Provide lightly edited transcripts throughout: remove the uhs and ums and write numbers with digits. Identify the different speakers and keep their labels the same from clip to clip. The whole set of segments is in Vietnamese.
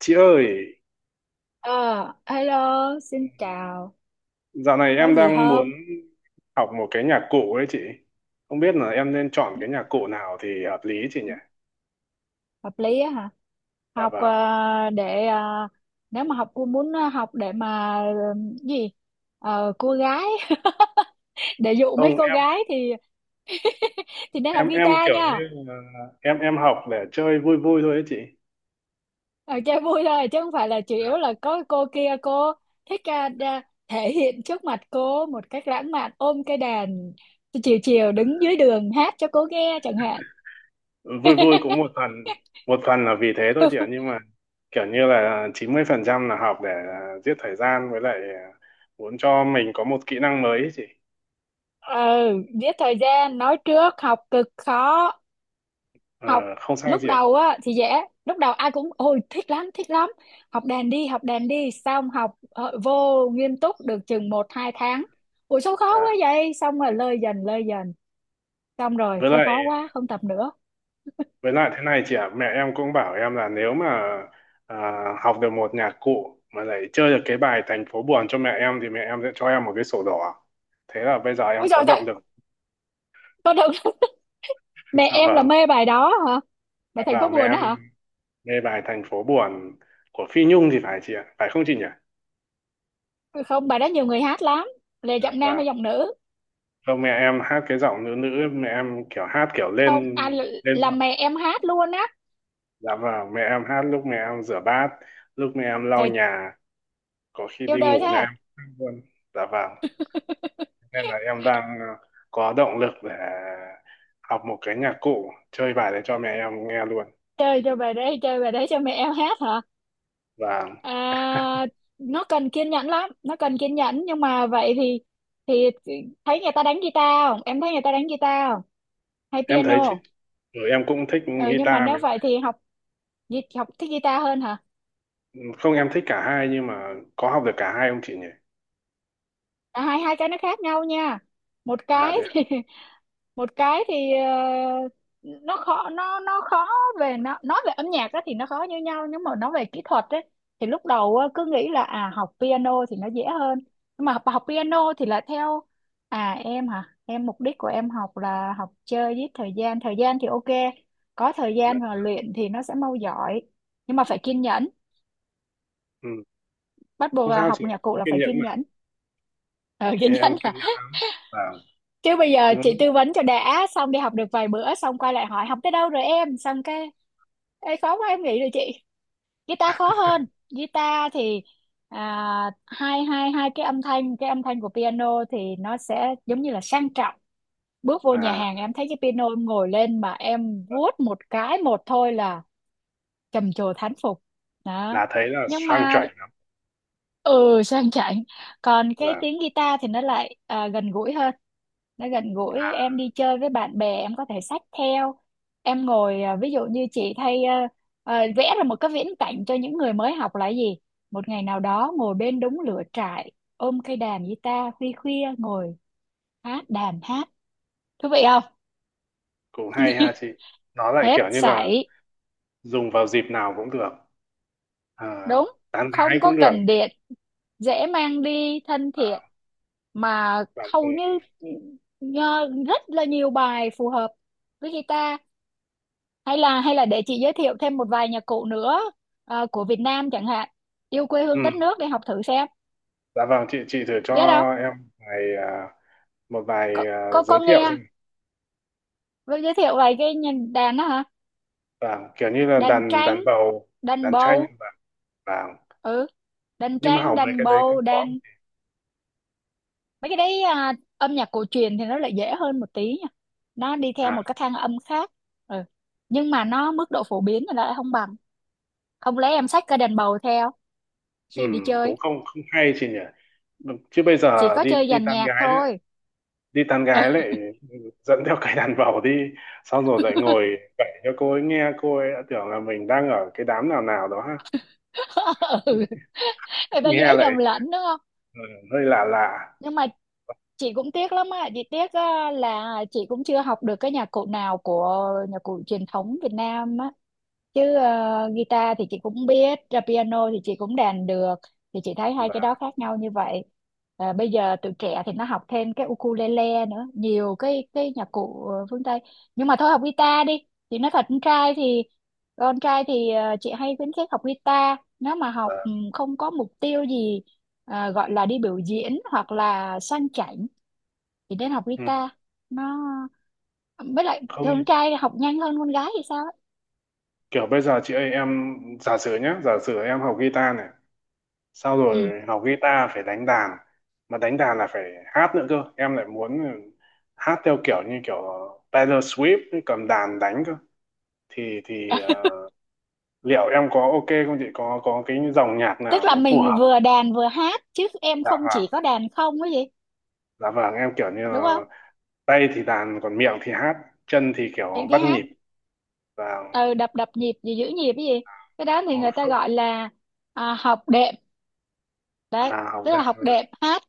Speaker 1: Chị ơi,
Speaker 2: Ờ, hello, xin chào.
Speaker 1: dạo này
Speaker 2: Có
Speaker 1: em
Speaker 2: gì
Speaker 1: đang muốn
Speaker 2: không?
Speaker 1: học một cái nhạc cụ ấy chị. Không biết là em nên chọn cái nhạc cụ nào thì hợp lý chị nhỉ?
Speaker 2: Hợp lý á hả?
Speaker 1: Dạ
Speaker 2: Học,
Speaker 1: vâng.
Speaker 2: để, nếu mà học cô muốn, học để mà, gì? Cô gái để dụ mấy
Speaker 1: Không,
Speaker 2: cô
Speaker 1: em
Speaker 2: gái thì nên học
Speaker 1: em em
Speaker 2: guitar
Speaker 1: kiểu
Speaker 2: nha.
Speaker 1: như là em học để chơi vui vui thôi ấy chị.
Speaker 2: Ờ, Chơi vui thôi chứ không phải là chủ yếu là có cô kia, cô thích, thể hiện trước mặt cô một cách lãng mạn, ôm cái đàn chiều chiều đứng dưới đường hát cho cô nghe chẳng hạn.
Speaker 1: Vui vui cũng một phần là vì thế thôi chị ạ, nhưng mà kiểu như là 90% là học để giết thời gian, với lại muốn cho mình có một kỹ năng mới ấy chị.
Speaker 2: Ừ, giết thời gian nói trước học cực khó.
Speaker 1: Ờ,
Speaker 2: Học
Speaker 1: không sao
Speaker 2: lúc
Speaker 1: chị ạ.
Speaker 2: đầu á thì dễ, lúc đầu ai cũng ôi thích lắm thích lắm, học đàn đi học đàn đi, xong học vô nghiêm túc được chừng một hai tháng, ủa sao khó quá
Speaker 1: Và
Speaker 2: vậy, xong rồi lơi dần lơi dần, xong rồi
Speaker 1: với
Speaker 2: thôi
Speaker 1: lại
Speaker 2: khó quá không tập nữa.
Speaker 1: Với lại thế này chị ạ, mẹ em cũng bảo em là nếu mà à, học được một nhạc cụ mà lại chơi được cái bài Thành phố buồn cho mẹ em thì mẹ em sẽ cho em một cái sổ đỏ. Thế là bây giờ em
Speaker 2: Ôi
Speaker 1: có
Speaker 2: trời trời,
Speaker 1: động lực.
Speaker 2: con được. Mẹ
Speaker 1: Dạ
Speaker 2: em là
Speaker 1: vâng.
Speaker 2: mê bài đó hả?
Speaker 1: Dạ
Speaker 2: Bài thành phố
Speaker 1: vâng, mẹ
Speaker 2: buồn
Speaker 1: em
Speaker 2: đó hả?
Speaker 1: mê bài Thành phố buồn của Phi Nhung thì phải chị ạ, phải không chị nhỉ?
Speaker 2: Không, bài đó nhiều người hát lắm. Là
Speaker 1: Dạ
Speaker 2: giọng nam
Speaker 1: vâng.
Speaker 2: hay giọng nữ?
Speaker 1: Không, mẹ em hát cái giọng nữ nữ, mẹ em kiểu hát kiểu
Speaker 2: Không
Speaker 1: lên
Speaker 2: à,
Speaker 1: lên
Speaker 2: là
Speaker 1: giọng.
Speaker 2: mẹ em hát luôn á.
Speaker 1: Dạ vâng, mẹ em hát lúc mẹ em rửa bát, lúc mẹ em lau
Speaker 2: Trời,
Speaker 1: nhà, có khi
Speaker 2: yêu
Speaker 1: đi
Speaker 2: đời thế
Speaker 1: ngủ mẹ em
Speaker 2: à?
Speaker 1: hát luôn. Dạ vâng. Nên là em đang có động lực để học một cái nhạc cụ chơi bài để cho mẹ em nghe luôn.
Speaker 2: Chơi cho bài đấy, chơi bài đấy cho mẹ em hát hả?
Speaker 1: Và
Speaker 2: À, nó cần kiên nhẫn lắm, nó cần kiên nhẫn, nhưng mà vậy thì thì thấy người ta đánh guitar không, em thấy người ta đánh guitar không, hay
Speaker 1: em thấy
Speaker 2: piano?
Speaker 1: chứ, rồi em cũng thích
Speaker 2: Ừ, nhưng mà
Speaker 1: guitar mà.
Speaker 2: nếu vậy thì học, học thích guitar hơn hả?
Speaker 1: Không, em thích cả hai nhưng mà có học được cả hai không chị nhỉ?
Speaker 2: À, hai hai cái nó khác nhau nha. Một
Speaker 1: À
Speaker 2: cái
Speaker 1: thế.
Speaker 2: thì một cái thì, nó khó, nó khó về, nó nói về âm nhạc á thì nó khó như nhau, nhưng mà nói về kỹ thuật ấy thì lúc đầu á, cứ nghĩ là à học piano thì nó dễ hơn, nhưng mà học, piano thì là theo. À em hả, em mục đích của em học là học chơi giết thời gian, thời gian thì ok, có thời gian
Speaker 1: Đấy.
Speaker 2: mà luyện thì nó sẽ mau giỏi, nhưng mà phải kiên nhẫn.
Speaker 1: Ừ.
Speaker 2: Bắt buộc
Speaker 1: Không
Speaker 2: là
Speaker 1: sao
Speaker 2: học
Speaker 1: chị,
Speaker 2: nhạc cụ
Speaker 1: em
Speaker 2: là
Speaker 1: kiên
Speaker 2: phải
Speaker 1: nhẫn
Speaker 2: kiên
Speaker 1: mà.
Speaker 2: nhẫn. Ờ,
Speaker 1: Thế
Speaker 2: kiên nhẫn.
Speaker 1: em kiên nhẫn. Và
Speaker 2: Chứ bây giờ
Speaker 1: cứ
Speaker 2: chị tư vấn cho đã xong đi học được vài bữa xong quay lại hỏi học tới đâu rồi em, xong cái Ê, khó quá em nghĩ rồi chị. Guitar khó hơn. Guitar thì, à, hai hai hai cái âm thanh, cái âm thanh của piano thì nó sẽ giống như là sang trọng, bước vô nhà
Speaker 1: à,
Speaker 2: hàng em thấy cái piano em ngồi lên mà em vuốt một cái một thôi là trầm trồ thán phục đó.
Speaker 1: là thấy là
Speaker 2: Nhưng
Speaker 1: sang
Speaker 2: mà
Speaker 1: chảy lắm,
Speaker 2: ừ sang chảnh, còn cái
Speaker 1: là
Speaker 2: tiếng guitar thì nó lại, gần gũi hơn. Nó gần gũi, em đi chơi với bạn bè em có thể xách theo, em ngồi, ví dụ như chị thay, vẽ ra một cái viễn cảnh cho những người mới học là gì, một ngày nào đó ngồi bên đống lửa trại, ôm cây đàn guitar khuya khuya ngồi hát đàn hát, thú vị không?
Speaker 1: cũng hay ha chị. Nó lại
Speaker 2: Hết
Speaker 1: kiểu như là
Speaker 2: sảy.
Speaker 1: dùng vào dịp nào cũng được, à,
Speaker 2: Đúng
Speaker 1: tán gái
Speaker 2: không có
Speaker 1: cũng được,
Speaker 2: cần điện, dễ mang đi thân thiện, mà
Speaker 1: bạn bè.
Speaker 2: hầu như rất là nhiều bài phù hợp với guitar. Hay là, hay là để chị giới thiệu thêm một vài nhạc cụ nữa, của Việt Nam chẳng hạn, yêu quê
Speaker 1: Ừ.
Speaker 2: hương đất nước, để học thử xem,
Speaker 1: Dạ vâng, chị thử cho
Speaker 2: biết không?
Speaker 1: em vài, à, một
Speaker 2: Có,
Speaker 1: vài
Speaker 2: có
Speaker 1: giới thiệu
Speaker 2: nghe,
Speaker 1: xem.
Speaker 2: với giới thiệu vài cái nhìn đàn đó hả.
Speaker 1: Vâng, kiểu như là
Speaker 2: Đàn
Speaker 1: đàn
Speaker 2: tranh,
Speaker 1: đàn bầu,
Speaker 2: đàn
Speaker 1: đàn tranh
Speaker 2: bầu.
Speaker 1: vâng.
Speaker 2: Ừ, đàn
Speaker 1: Nhưng mà
Speaker 2: tranh
Speaker 1: hỏng mấy
Speaker 2: đàn
Speaker 1: cái đấy cũng
Speaker 2: bầu
Speaker 1: có.
Speaker 2: đàn mấy cái đấy, âm nhạc cổ truyền thì nó lại dễ hơn một tí nha, nó đi theo
Speaker 1: À,
Speaker 2: một cái thang âm khác. Ừ. Nhưng mà nó mức độ phổ biến thì nó lại không bằng. Không lẽ em xách cái đàn bầu theo khi đi chơi,
Speaker 1: cũng không không hay chị nhỉ. Vâng, chứ bây
Speaker 2: chỉ
Speaker 1: giờ
Speaker 2: có
Speaker 1: đi
Speaker 2: chơi
Speaker 1: đi
Speaker 2: dàn
Speaker 1: tán
Speaker 2: nhạc
Speaker 1: gái đấy,
Speaker 2: thôi.
Speaker 1: đi tán gái lại, ừ, dẫn theo cái đàn bầu đi, xong rồi lại ngồi kể cho cô ấy nghe, cô ấy đã tưởng là mình đang ở cái đám nào nào đó ha.
Speaker 2: Ừ. Người ta
Speaker 1: Nghe
Speaker 2: dễ
Speaker 1: lại
Speaker 2: nhầm lẫn đúng không.
Speaker 1: ừ, hơi lạ lạ.
Speaker 2: Nhưng mà chị cũng tiếc lắm á, chị tiếc á, là chị cũng chưa học được cái nhạc cụ nào của nhạc cụ truyền thống Việt Nam á. Chứ guitar thì chị cũng biết ra, piano thì chị cũng đàn được, thì chị thấy hai cái
Speaker 1: và,
Speaker 2: đó khác nhau như vậy. Ờ, bây giờ tụi trẻ thì nó học thêm cái ukulele nữa, nhiều cái nhạc cụ, phương Tây, nhưng mà thôi học guitar đi. Thì nói thật con trai thì, chị hay khuyến khích học guitar, nếu mà học
Speaker 1: và
Speaker 2: ừ, không có mục tiêu gì, gọi là đi biểu diễn hoặc là sang chảnh thì nên học
Speaker 1: ừ,
Speaker 2: guitar. Nó với lại
Speaker 1: Không,
Speaker 2: thường con trai học nhanh hơn con gái thì sao ấy.
Speaker 1: kiểu bây giờ chị ơi, em giả sử em học guitar này, sau
Speaker 2: Ừ.
Speaker 1: rồi học guitar phải đánh đàn, mà đánh đàn là phải hát nữa cơ, em lại muốn hát theo kiểu như kiểu Taylor Swift ấy, cầm đàn đánh cơ, thì liệu em có ok không chị, có cái dòng nhạc
Speaker 2: Tức
Speaker 1: nào
Speaker 2: là
Speaker 1: nó phù
Speaker 2: mình
Speaker 1: hợp.
Speaker 2: vừa đàn vừa hát chứ em
Speaker 1: Dạ
Speaker 2: không
Speaker 1: vâng.
Speaker 2: chỉ có đàn không cái gì,
Speaker 1: Dạ vâng, em kiểu như
Speaker 2: đúng
Speaker 1: là
Speaker 2: không?
Speaker 1: tay thì đàn, còn miệng thì hát, chân thì kiểu
Speaker 2: Những cái
Speaker 1: bắt
Speaker 2: hát
Speaker 1: nhịp. Và
Speaker 2: ừ, đập đập nhịp gì, giữ nhịp cái gì, cái đó thì người ta
Speaker 1: không
Speaker 2: gọi là, học đệm. Đấy,
Speaker 1: à, học
Speaker 2: tức là
Speaker 1: dạng
Speaker 2: học
Speaker 1: luôn ạ.
Speaker 2: đệm hát,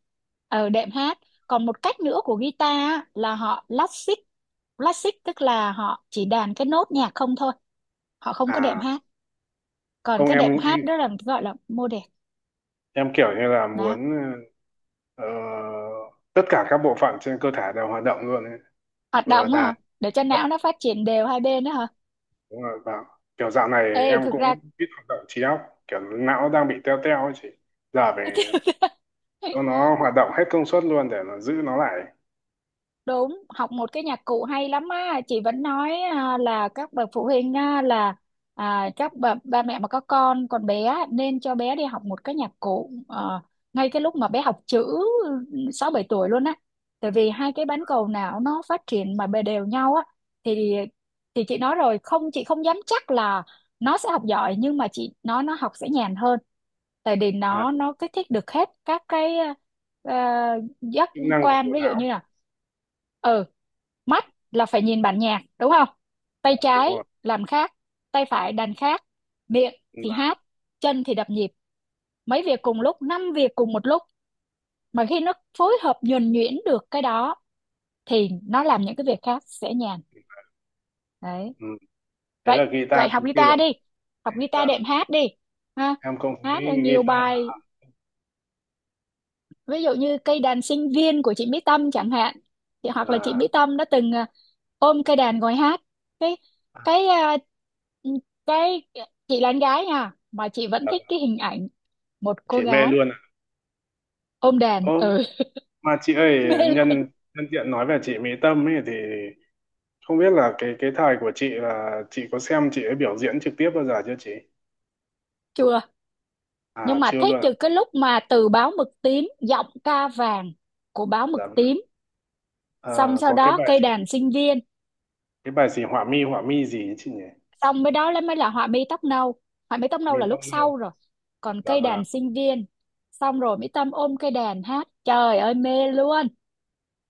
Speaker 2: ở đệm hát. Còn một cách nữa của guitar á, là họ classic, classic tức là họ chỉ đàn cái nốt nhạc không thôi, họ không có đệm
Speaker 1: À
Speaker 2: hát. Còn
Speaker 1: không,
Speaker 2: cái
Speaker 1: em
Speaker 2: đệm hát
Speaker 1: em
Speaker 2: đó là gọi là mô đệm.
Speaker 1: em kiểu như là muốn
Speaker 2: Đó,
Speaker 1: ờ, tất cả các bộ phận trên cơ thể đều hoạt động luôn ấy.
Speaker 2: hoạt
Speaker 1: Vừa
Speaker 2: động á
Speaker 1: đàn
Speaker 2: hả, để cho
Speaker 1: hát,
Speaker 2: não nó phát triển đều hai bên đó hả?
Speaker 1: đúng rồi. Và kiểu dạo này
Speaker 2: Ê
Speaker 1: em
Speaker 2: thực
Speaker 1: cũng
Speaker 2: ra
Speaker 1: ít hoạt động trí óc, kiểu não đang bị teo teo ấy chị, giờ phải cho nó hoạt động hết công suất luôn để nó giữ nó lại
Speaker 2: Đúng, học một cái nhạc cụ hay lắm á, chị vẫn nói, là các bậc phụ huynh á, là, các bậc ba mẹ mà có con còn bé á, nên cho bé đi học một cái nhạc cụ, ngay cái lúc mà bé học chữ 6 7 tuổi luôn á. Tại vì hai cái bán cầu não nó phát triển mà bề đều nhau á thì, chị nói rồi, không chị không dám chắc là nó sẽ học giỏi, nhưng mà chị nói nó học sẽ nhàn hơn. Tại vì
Speaker 1: à,
Speaker 2: nó kích thích được hết các cái, ờ, giác
Speaker 1: chức năng của
Speaker 2: quan,
Speaker 1: bộ
Speaker 2: ví dụ
Speaker 1: não.
Speaker 2: như là ừ mắt là phải nhìn bản nhạc đúng không, tay
Speaker 1: Đúng
Speaker 2: trái
Speaker 1: rồi.
Speaker 2: làm khác, tay phải đàn khác, miệng thì
Speaker 1: Và
Speaker 2: hát, chân thì đập nhịp, mấy việc cùng lúc, năm việc cùng một lúc, mà khi nó phối hợp nhuần nhuyễn được cái đó thì nó làm những cái việc khác sẽ nhàn. Đấy,
Speaker 1: ừ. Thế là
Speaker 2: vậy vậy
Speaker 1: guitar
Speaker 2: học
Speaker 1: khi là
Speaker 2: guitar đi, học guitar đệm
Speaker 1: là
Speaker 2: hát đi ha.
Speaker 1: em không
Speaker 2: Hát
Speaker 1: thấy
Speaker 2: nhiều
Speaker 1: guitar
Speaker 2: bài, ví dụ như cây đàn sinh viên của chị Mỹ Tâm chẳng hạn, thì hoặc là chị
Speaker 1: là,
Speaker 2: Mỹ Tâm đã từng, ôm cây đàn ngồi hát cái
Speaker 1: à,
Speaker 2: cái, cái chị là con gái nha, mà chị vẫn
Speaker 1: là
Speaker 2: thích cái hình ảnh một cô
Speaker 1: chị mê
Speaker 2: gái
Speaker 1: luôn ạ.
Speaker 2: ôm đàn.
Speaker 1: Ô,
Speaker 2: Ừ
Speaker 1: mà chị ơi,
Speaker 2: mê luôn.
Speaker 1: nhân nhân tiện nói về chị Mỹ Tâm ấy thì không biết là cái thời của chị, là chị có xem chị ấy biểu diễn trực tiếp bao giờ chưa chị?
Speaker 2: Chùa,
Speaker 1: À,
Speaker 2: nhưng mà
Speaker 1: chưa
Speaker 2: thích
Speaker 1: luôn à?
Speaker 2: từ cái lúc mà từ báo mực tím giọng ca vàng của báo mực
Speaker 1: Dạ vâng.
Speaker 2: tím, xong
Speaker 1: Ờ,
Speaker 2: sau
Speaker 1: có cái
Speaker 2: đó
Speaker 1: bài
Speaker 2: cây
Speaker 1: gì,
Speaker 2: đàn sinh viên.
Speaker 1: họa mi gì ấy chị nhỉ.
Speaker 2: Xong mới đó là mới là họa mi tóc nâu, họa mi tóc nâu
Speaker 1: Mỹ
Speaker 2: là
Speaker 1: Tâm
Speaker 2: lúc
Speaker 1: luôn.
Speaker 2: sau rồi, còn
Speaker 1: Dạ
Speaker 2: cây
Speaker 1: vâng.
Speaker 2: đàn sinh viên xong rồi Mỹ Tâm ôm cây đàn hát trời ơi mê luôn.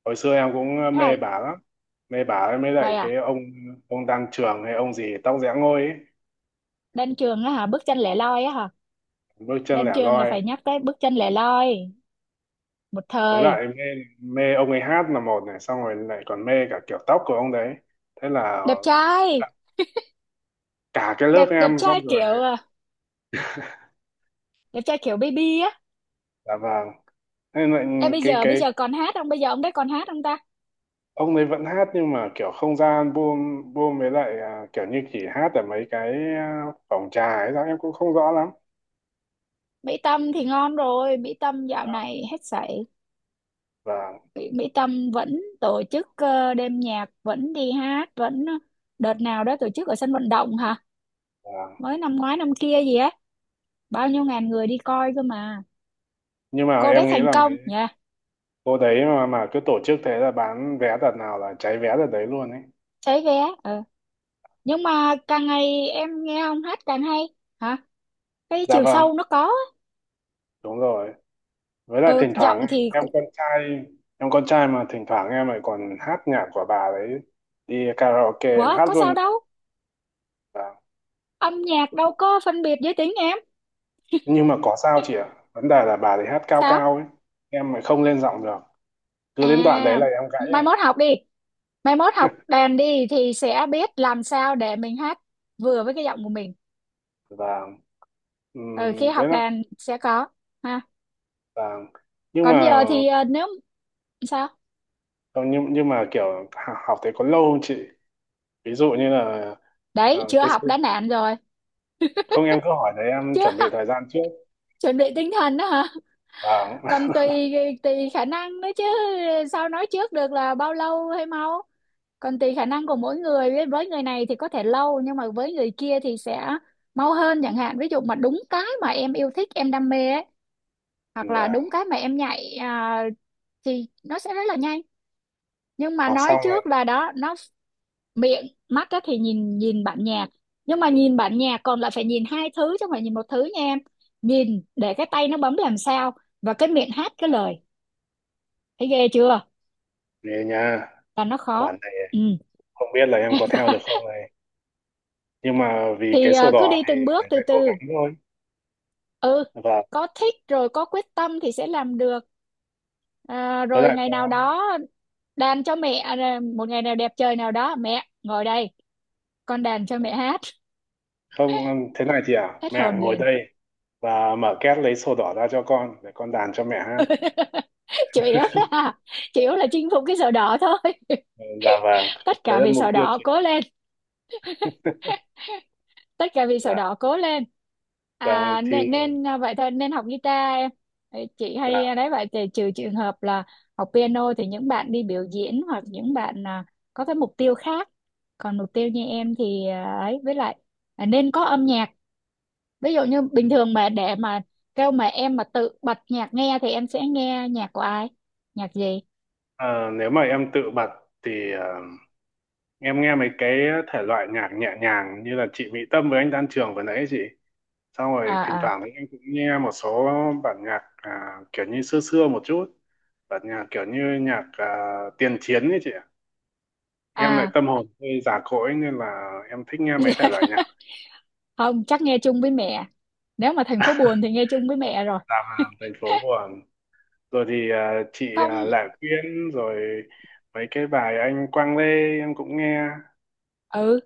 Speaker 1: Hồi xưa em cũng
Speaker 2: Thế
Speaker 1: mê
Speaker 2: là,
Speaker 1: bà lắm, mê bà ấy mới lại
Speaker 2: vậy
Speaker 1: cái
Speaker 2: à.
Speaker 1: ông, Đan Trường hay ông gì tóc giã ngôi ấy.
Speaker 2: Đan Trường á hả, bước chân lẻ loi á hả.
Speaker 1: Bước chân
Speaker 2: Đan
Speaker 1: lẻ
Speaker 2: Trường là
Speaker 1: loi.
Speaker 2: phải nhắc tới bước chân lẻ loi một
Speaker 1: Với
Speaker 2: thời.
Speaker 1: lại mê, ông ấy hát là một này, xong rồi lại còn mê cả kiểu tóc của ông đấy, thế là
Speaker 2: Đẹp trai,
Speaker 1: cả cái lớp
Speaker 2: đẹp đẹp
Speaker 1: em, xong
Speaker 2: trai
Speaker 1: rồi.
Speaker 2: kiểu, đẹp trai kiểu baby á.
Speaker 1: Dạ vâng. Thế nên lại
Speaker 2: Em bây
Speaker 1: cái
Speaker 2: giờ, bây
Speaker 1: cái
Speaker 2: giờ còn hát không, bây giờ ông đấy còn hát không ta?
Speaker 1: ông ấy vẫn hát nhưng mà kiểu không ra album, với lại kiểu như chỉ hát ở mấy cái phòng trà ấy sao em cũng không rõ lắm.
Speaker 2: Mỹ Tâm thì ngon rồi, Mỹ Tâm dạo này hết sảy.
Speaker 1: Và
Speaker 2: Mỹ Tâm vẫn tổ chức, đêm nhạc vẫn đi hát vẫn, đợt nào đó tổ chức ở sân vận động hả,
Speaker 1: vâng.
Speaker 2: mới năm ngoái năm kia gì á, bao nhiêu ngàn người đi coi cơ mà.
Speaker 1: Nhưng mà
Speaker 2: Cô đấy
Speaker 1: em nghĩ
Speaker 2: thành
Speaker 1: là mấy
Speaker 2: công nha.
Speaker 1: cô đấy, mà cứ tổ chức thế là bán vé đợt nào là cháy vé đợt đấy luôn ấy.
Speaker 2: Cháy vé. Ờ. Nhưng mà càng ngày em nghe ông hát càng hay hả, cái
Speaker 1: Dạ
Speaker 2: chiều
Speaker 1: vâng.
Speaker 2: sâu nó có á.
Speaker 1: Đúng rồi. Với lại
Speaker 2: Ừ
Speaker 1: thỉnh
Speaker 2: giọng
Speaker 1: thoảng
Speaker 2: thì
Speaker 1: em
Speaker 2: cũng
Speaker 1: con trai, mà thỉnh thoảng em lại còn hát nhạc của bà đấy, đi karaoke em
Speaker 2: quá
Speaker 1: hát
Speaker 2: có sao
Speaker 1: luôn.
Speaker 2: đâu,
Speaker 1: Dạ.
Speaker 2: âm nhạc đâu có phân biệt giới tính em.
Speaker 1: Nhưng mà có sao chị ạ, vấn đề là bà thì hát cao
Speaker 2: Sao?
Speaker 1: cao ấy, em lại không lên giọng được, cứ
Speaker 2: À,
Speaker 1: đến đoạn đấy là em gãy
Speaker 2: mai mốt
Speaker 1: ấy.
Speaker 2: học đi, mai mốt học đàn đi thì sẽ biết làm sao để mình hát vừa với cái giọng của mình.
Speaker 1: Và
Speaker 2: Ừ, khi
Speaker 1: với
Speaker 2: học
Speaker 1: lại
Speaker 2: đàn sẽ có ha.
Speaker 1: là. Nhưng
Speaker 2: Còn
Speaker 1: mà
Speaker 2: giờ thì, nếu sao
Speaker 1: không, nhưng mà kiểu học thế có lâu không chị, ví dụ như là ờ,
Speaker 2: đấy chưa
Speaker 1: cái
Speaker 2: học
Speaker 1: sự-
Speaker 2: đã nản rồi
Speaker 1: không em cứ hỏi đấy em
Speaker 2: chưa.
Speaker 1: chuẩn bị thời gian trước.
Speaker 2: Chuẩn bị tinh thần đó hả?
Speaker 1: Và
Speaker 2: Còn tùy, tùy khả năng nữa chứ, sao nói trước được là bao lâu hay mau. Còn tùy khả năng của mỗi người, với người này thì có thể lâu, nhưng mà với người kia thì sẽ mau hơn chẳng hạn, ví dụ mà đúng cái mà em yêu thích em đam mê ấy, hoặc là
Speaker 1: và
Speaker 2: đúng cái mà em nhạy, thì nó sẽ rất là nhanh. Nhưng mà
Speaker 1: học
Speaker 2: nói
Speaker 1: xong này,
Speaker 2: trước là đó nó miệng mắt á thì, nhìn nhìn bản nhạc, nhưng mà nhìn bản nhạc còn lại phải nhìn hai thứ chứ không phải nhìn một thứ nha em. Nhìn để cái tay nó bấm làm sao, và cái miệng hát cái lời, thấy ghê chưa?
Speaker 1: nghề nha,
Speaker 2: Và nó khó.
Speaker 1: quản này,
Speaker 2: Ừ.
Speaker 1: không biết là em có theo được không này. Nhưng mà vì cái
Speaker 2: Thì,
Speaker 1: sổ
Speaker 2: cứ
Speaker 1: đỏ
Speaker 2: đi
Speaker 1: thì
Speaker 2: từng bước
Speaker 1: phải
Speaker 2: từ
Speaker 1: phải cố
Speaker 2: từ.
Speaker 1: gắng thôi.
Speaker 2: Ừ,
Speaker 1: Và
Speaker 2: có thích rồi có quyết tâm thì sẽ làm được. À,
Speaker 1: với
Speaker 2: rồi
Speaker 1: lại
Speaker 2: ngày nào
Speaker 1: có
Speaker 2: đó đàn cho mẹ, một ngày nào đẹp trời nào đó mẹ ngồi đây con đàn cho mẹ hát.
Speaker 1: không, thế này chị à,
Speaker 2: Hết
Speaker 1: mẹ
Speaker 2: hồn
Speaker 1: ngồi
Speaker 2: liền.
Speaker 1: đây và mở két lấy sổ đỏ ra cho con để con đàn cho mẹ hát.
Speaker 2: Chủ yếu là, chinh phục cái sổ đỏ thôi.
Speaker 1: Ừ, dạ vâng,
Speaker 2: Tất
Speaker 1: đấy
Speaker 2: cả
Speaker 1: là
Speaker 2: vì
Speaker 1: mục
Speaker 2: sổ
Speaker 1: tiêu
Speaker 2: đỏ,
Speaker 1: chị.
Speaker 2: cố lên. Tất cả vì sổ
Speaker 1: Và
Speaker 2: đỏ, cố lên.
Speaker 1: vâng,
Speaker 2: À,
Speaker 1: thì
Speaker 2: nên nên, vậy thôi nên học guitar em. Đấy, chị hay,
Speaker 1: là
Speaker 2: đấy vậy thì trừ trường hợp là học piano thì những bạn đi biểu diễn hoặc những bạn, có cái mục tiêu khác. Còn mục tiêu như em thì à, ấy với lại, nên có âm nhạc. Ví dụ như bình thường mà để mà kêu mà em mà tự bật nhạc nghe thì em sẽ nghe nhạc của ai, nhạc gì?
Speaker 1: ờ, nếu mà em tự bật thì em nghe mấy cái thể loại nhạc nhẹ nhàng như là chị Mỹ Tâm với anh Đan Trường vừa nãy ấy chị, xong
Speaker 2: À
Speaker 1: rồi thỉnh
Speaker 2: à
Speaker 1: thoảng thì em cũng nghe một số bản nhạc kiểu như xưa xưa một chút, bản nhạc kiểu như nhạc tiền chiến ấy chị ạ, em lại
Speaker 2: à.
Speaker 1: tâm hồn hơi già cỗi nên là em thích nghe mấy
Speaker 2: Dạ.
Speaker 1: thể loại nhạc.
Speaker 2: Không chắc nghe chung với mẹ, nếu mà thành phố buồn thì nghe chung với mẹ rồi.
Speaker 1: Làm thành phố buồn rồi thì chị
Speaker 2: Không.
Speaker 1: Lạ Quyên rồi mấy cái bài anh Quang Lê em cũng nghe.
Speaker 2: Ừ,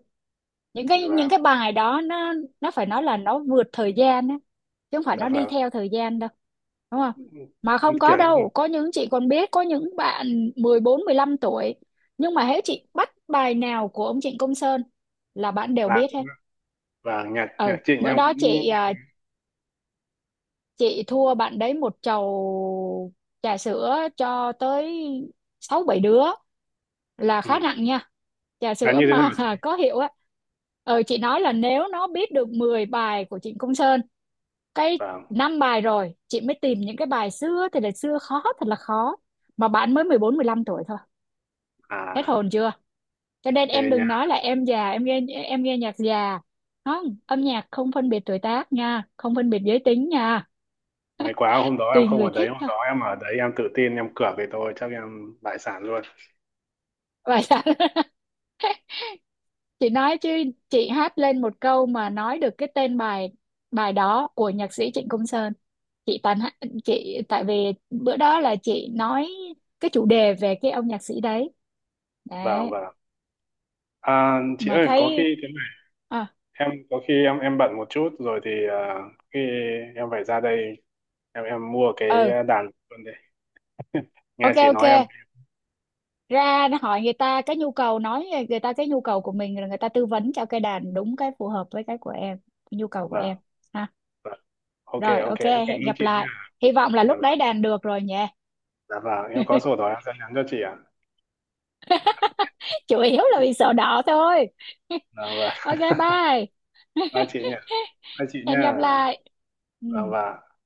Speaker 2: những cái
Speaker 1: Và
Speaker 2: bài đó nó phải nói là nó vượt thời gian á chứ không phải
Speaker 1: và,
Speaker 2: nó đi
Speaker 1: và
Speaker 2: theo thời gian đâu, đúng không? Mà không có
Speaker 1: kiểu như vậy.
Speaker 2: đâu, có những, chị còn biết có những bạn 14-15 tuổi, nhưng mà hễ chị bắt bài nào của ông Trịnh Công Sơn là bạn đều
Speaker 1: Và
Speaker 2: biết hết.
Speaker 1: nhạc nhạc
Speaker 2: Ừ
Speaker 1: Trịnh
Speaker 2: bữa
Speaker 1: em
Speaker 2: đó
Speaker 1: cũng.
Speaker 2: chị, chị thua bạn đấy một chầu trà sữa, cho tới sáu bảy đứa là
Speaker 1: Ừ,
Speaker 2: khá nặng nha, trà
Speaker 1: là
Speaker 2: sữa
Speaker 1: như thế nào
Speaker 2: mà.
Speaker 1: chị?
Speaker 2: Có hiệu á. Ờ, chị nói là nếu nó biết được 10 bài của Trịnh Công Sơn cái
Speaker 1: Và
Speaker 2: 5 bài rồi, chị mới tìm những cái bài xưa thì là xưa khó thật là khó, mà bạn mới 14 mười 15 tuổi thôi, hết
Speaker 1: à
Speaker 2: hồn chưa. Cho nên em
Speaker 1: ghê nha.
Speaker 2: đừng nói là em già, em nghe nhạc già, không âm nhạc không phân biệt tuổi tác nha, không phân biệt giới tính nha.
Speaker 1: May quá hôm đó em
Speaker 2: Tùy
Speaker 1: không ở
Speaker 2: người
Speaker 1: đấy,
Speaker 2: thích
Speaker 1: hôm
Speaker 2: thôi.
Speaker 1: đó em ở đấy em tự tin em cược thì tôi chắc em đại sản luôn.
Speaker 2: Vậy hả? Chị nói chứ, chị hát lên một câu mà nói được cái tên bài, bài đó của nhạc sĩ Trịnh Công Sơn. Chị chị tại vì bữa đó là chị nói cái chủ đề về cái ông nhạc sĩ đấy.
Speaker 1: và
Speaker 2: Đấy
Speaker 1: và chị
Speaker 2: mà
Speaker 1: ơi, có
Speaker 2: thấy
Speaker 1: khi thế,
Speaker 2: à
Speaker 1: em có khi em bận một chút rồi thì khi em phải ra đây, em mua cái
Speaker 2: ừ
Speaker 1: đàn luôn đây. Nghe
Speaker 2: ok
Speaker 1: chị
Speaker 2: ok.
Speaker 1: nói em
Speaker 2: Ra hỏi người ta cái nhu cầu, nói người ta cái nhu cầu của mình rồi người ta tư vấn cho cái đàn đúng cái phù hợp với cái của em nhu cầu của
Speaker 1: vâng
Speaker 2: em ha.
Speaker 1: vâng, ok
Speaker 2: Rồi
Speaker 1: ok,
Speaker 2: ok,
Speaker 1: em cảm
Speaker 2: hẹn
Speaker 1: ơn
Speaker 2: gặp
Speaker 1: chị
Speaker 2: lại,
Speaker 1: nha.
Speaker 2: hy vọng là
Speaker 1: Dạ
Speaker 2: lúc đấy
Speaker 1: vâng.
Speaker 2: đàn được rồi nhỉ.
Speaker 1: Dạ vâng, em có sổ đó em sẽ nhắn cho chị ạ à?
Speaker 2: Chủ yếu là vì sợ đỏ thôi.
Speaker 1: Dạ vâng
Speaker 2: Ok bye.
Speaker 1: Bye chị nha. Bye chị
Speaker 2: Hẹn
Speaker 1: nha.
Speaker 2: gặp lại. Ừ.
Speaker 1: Vâng vâng.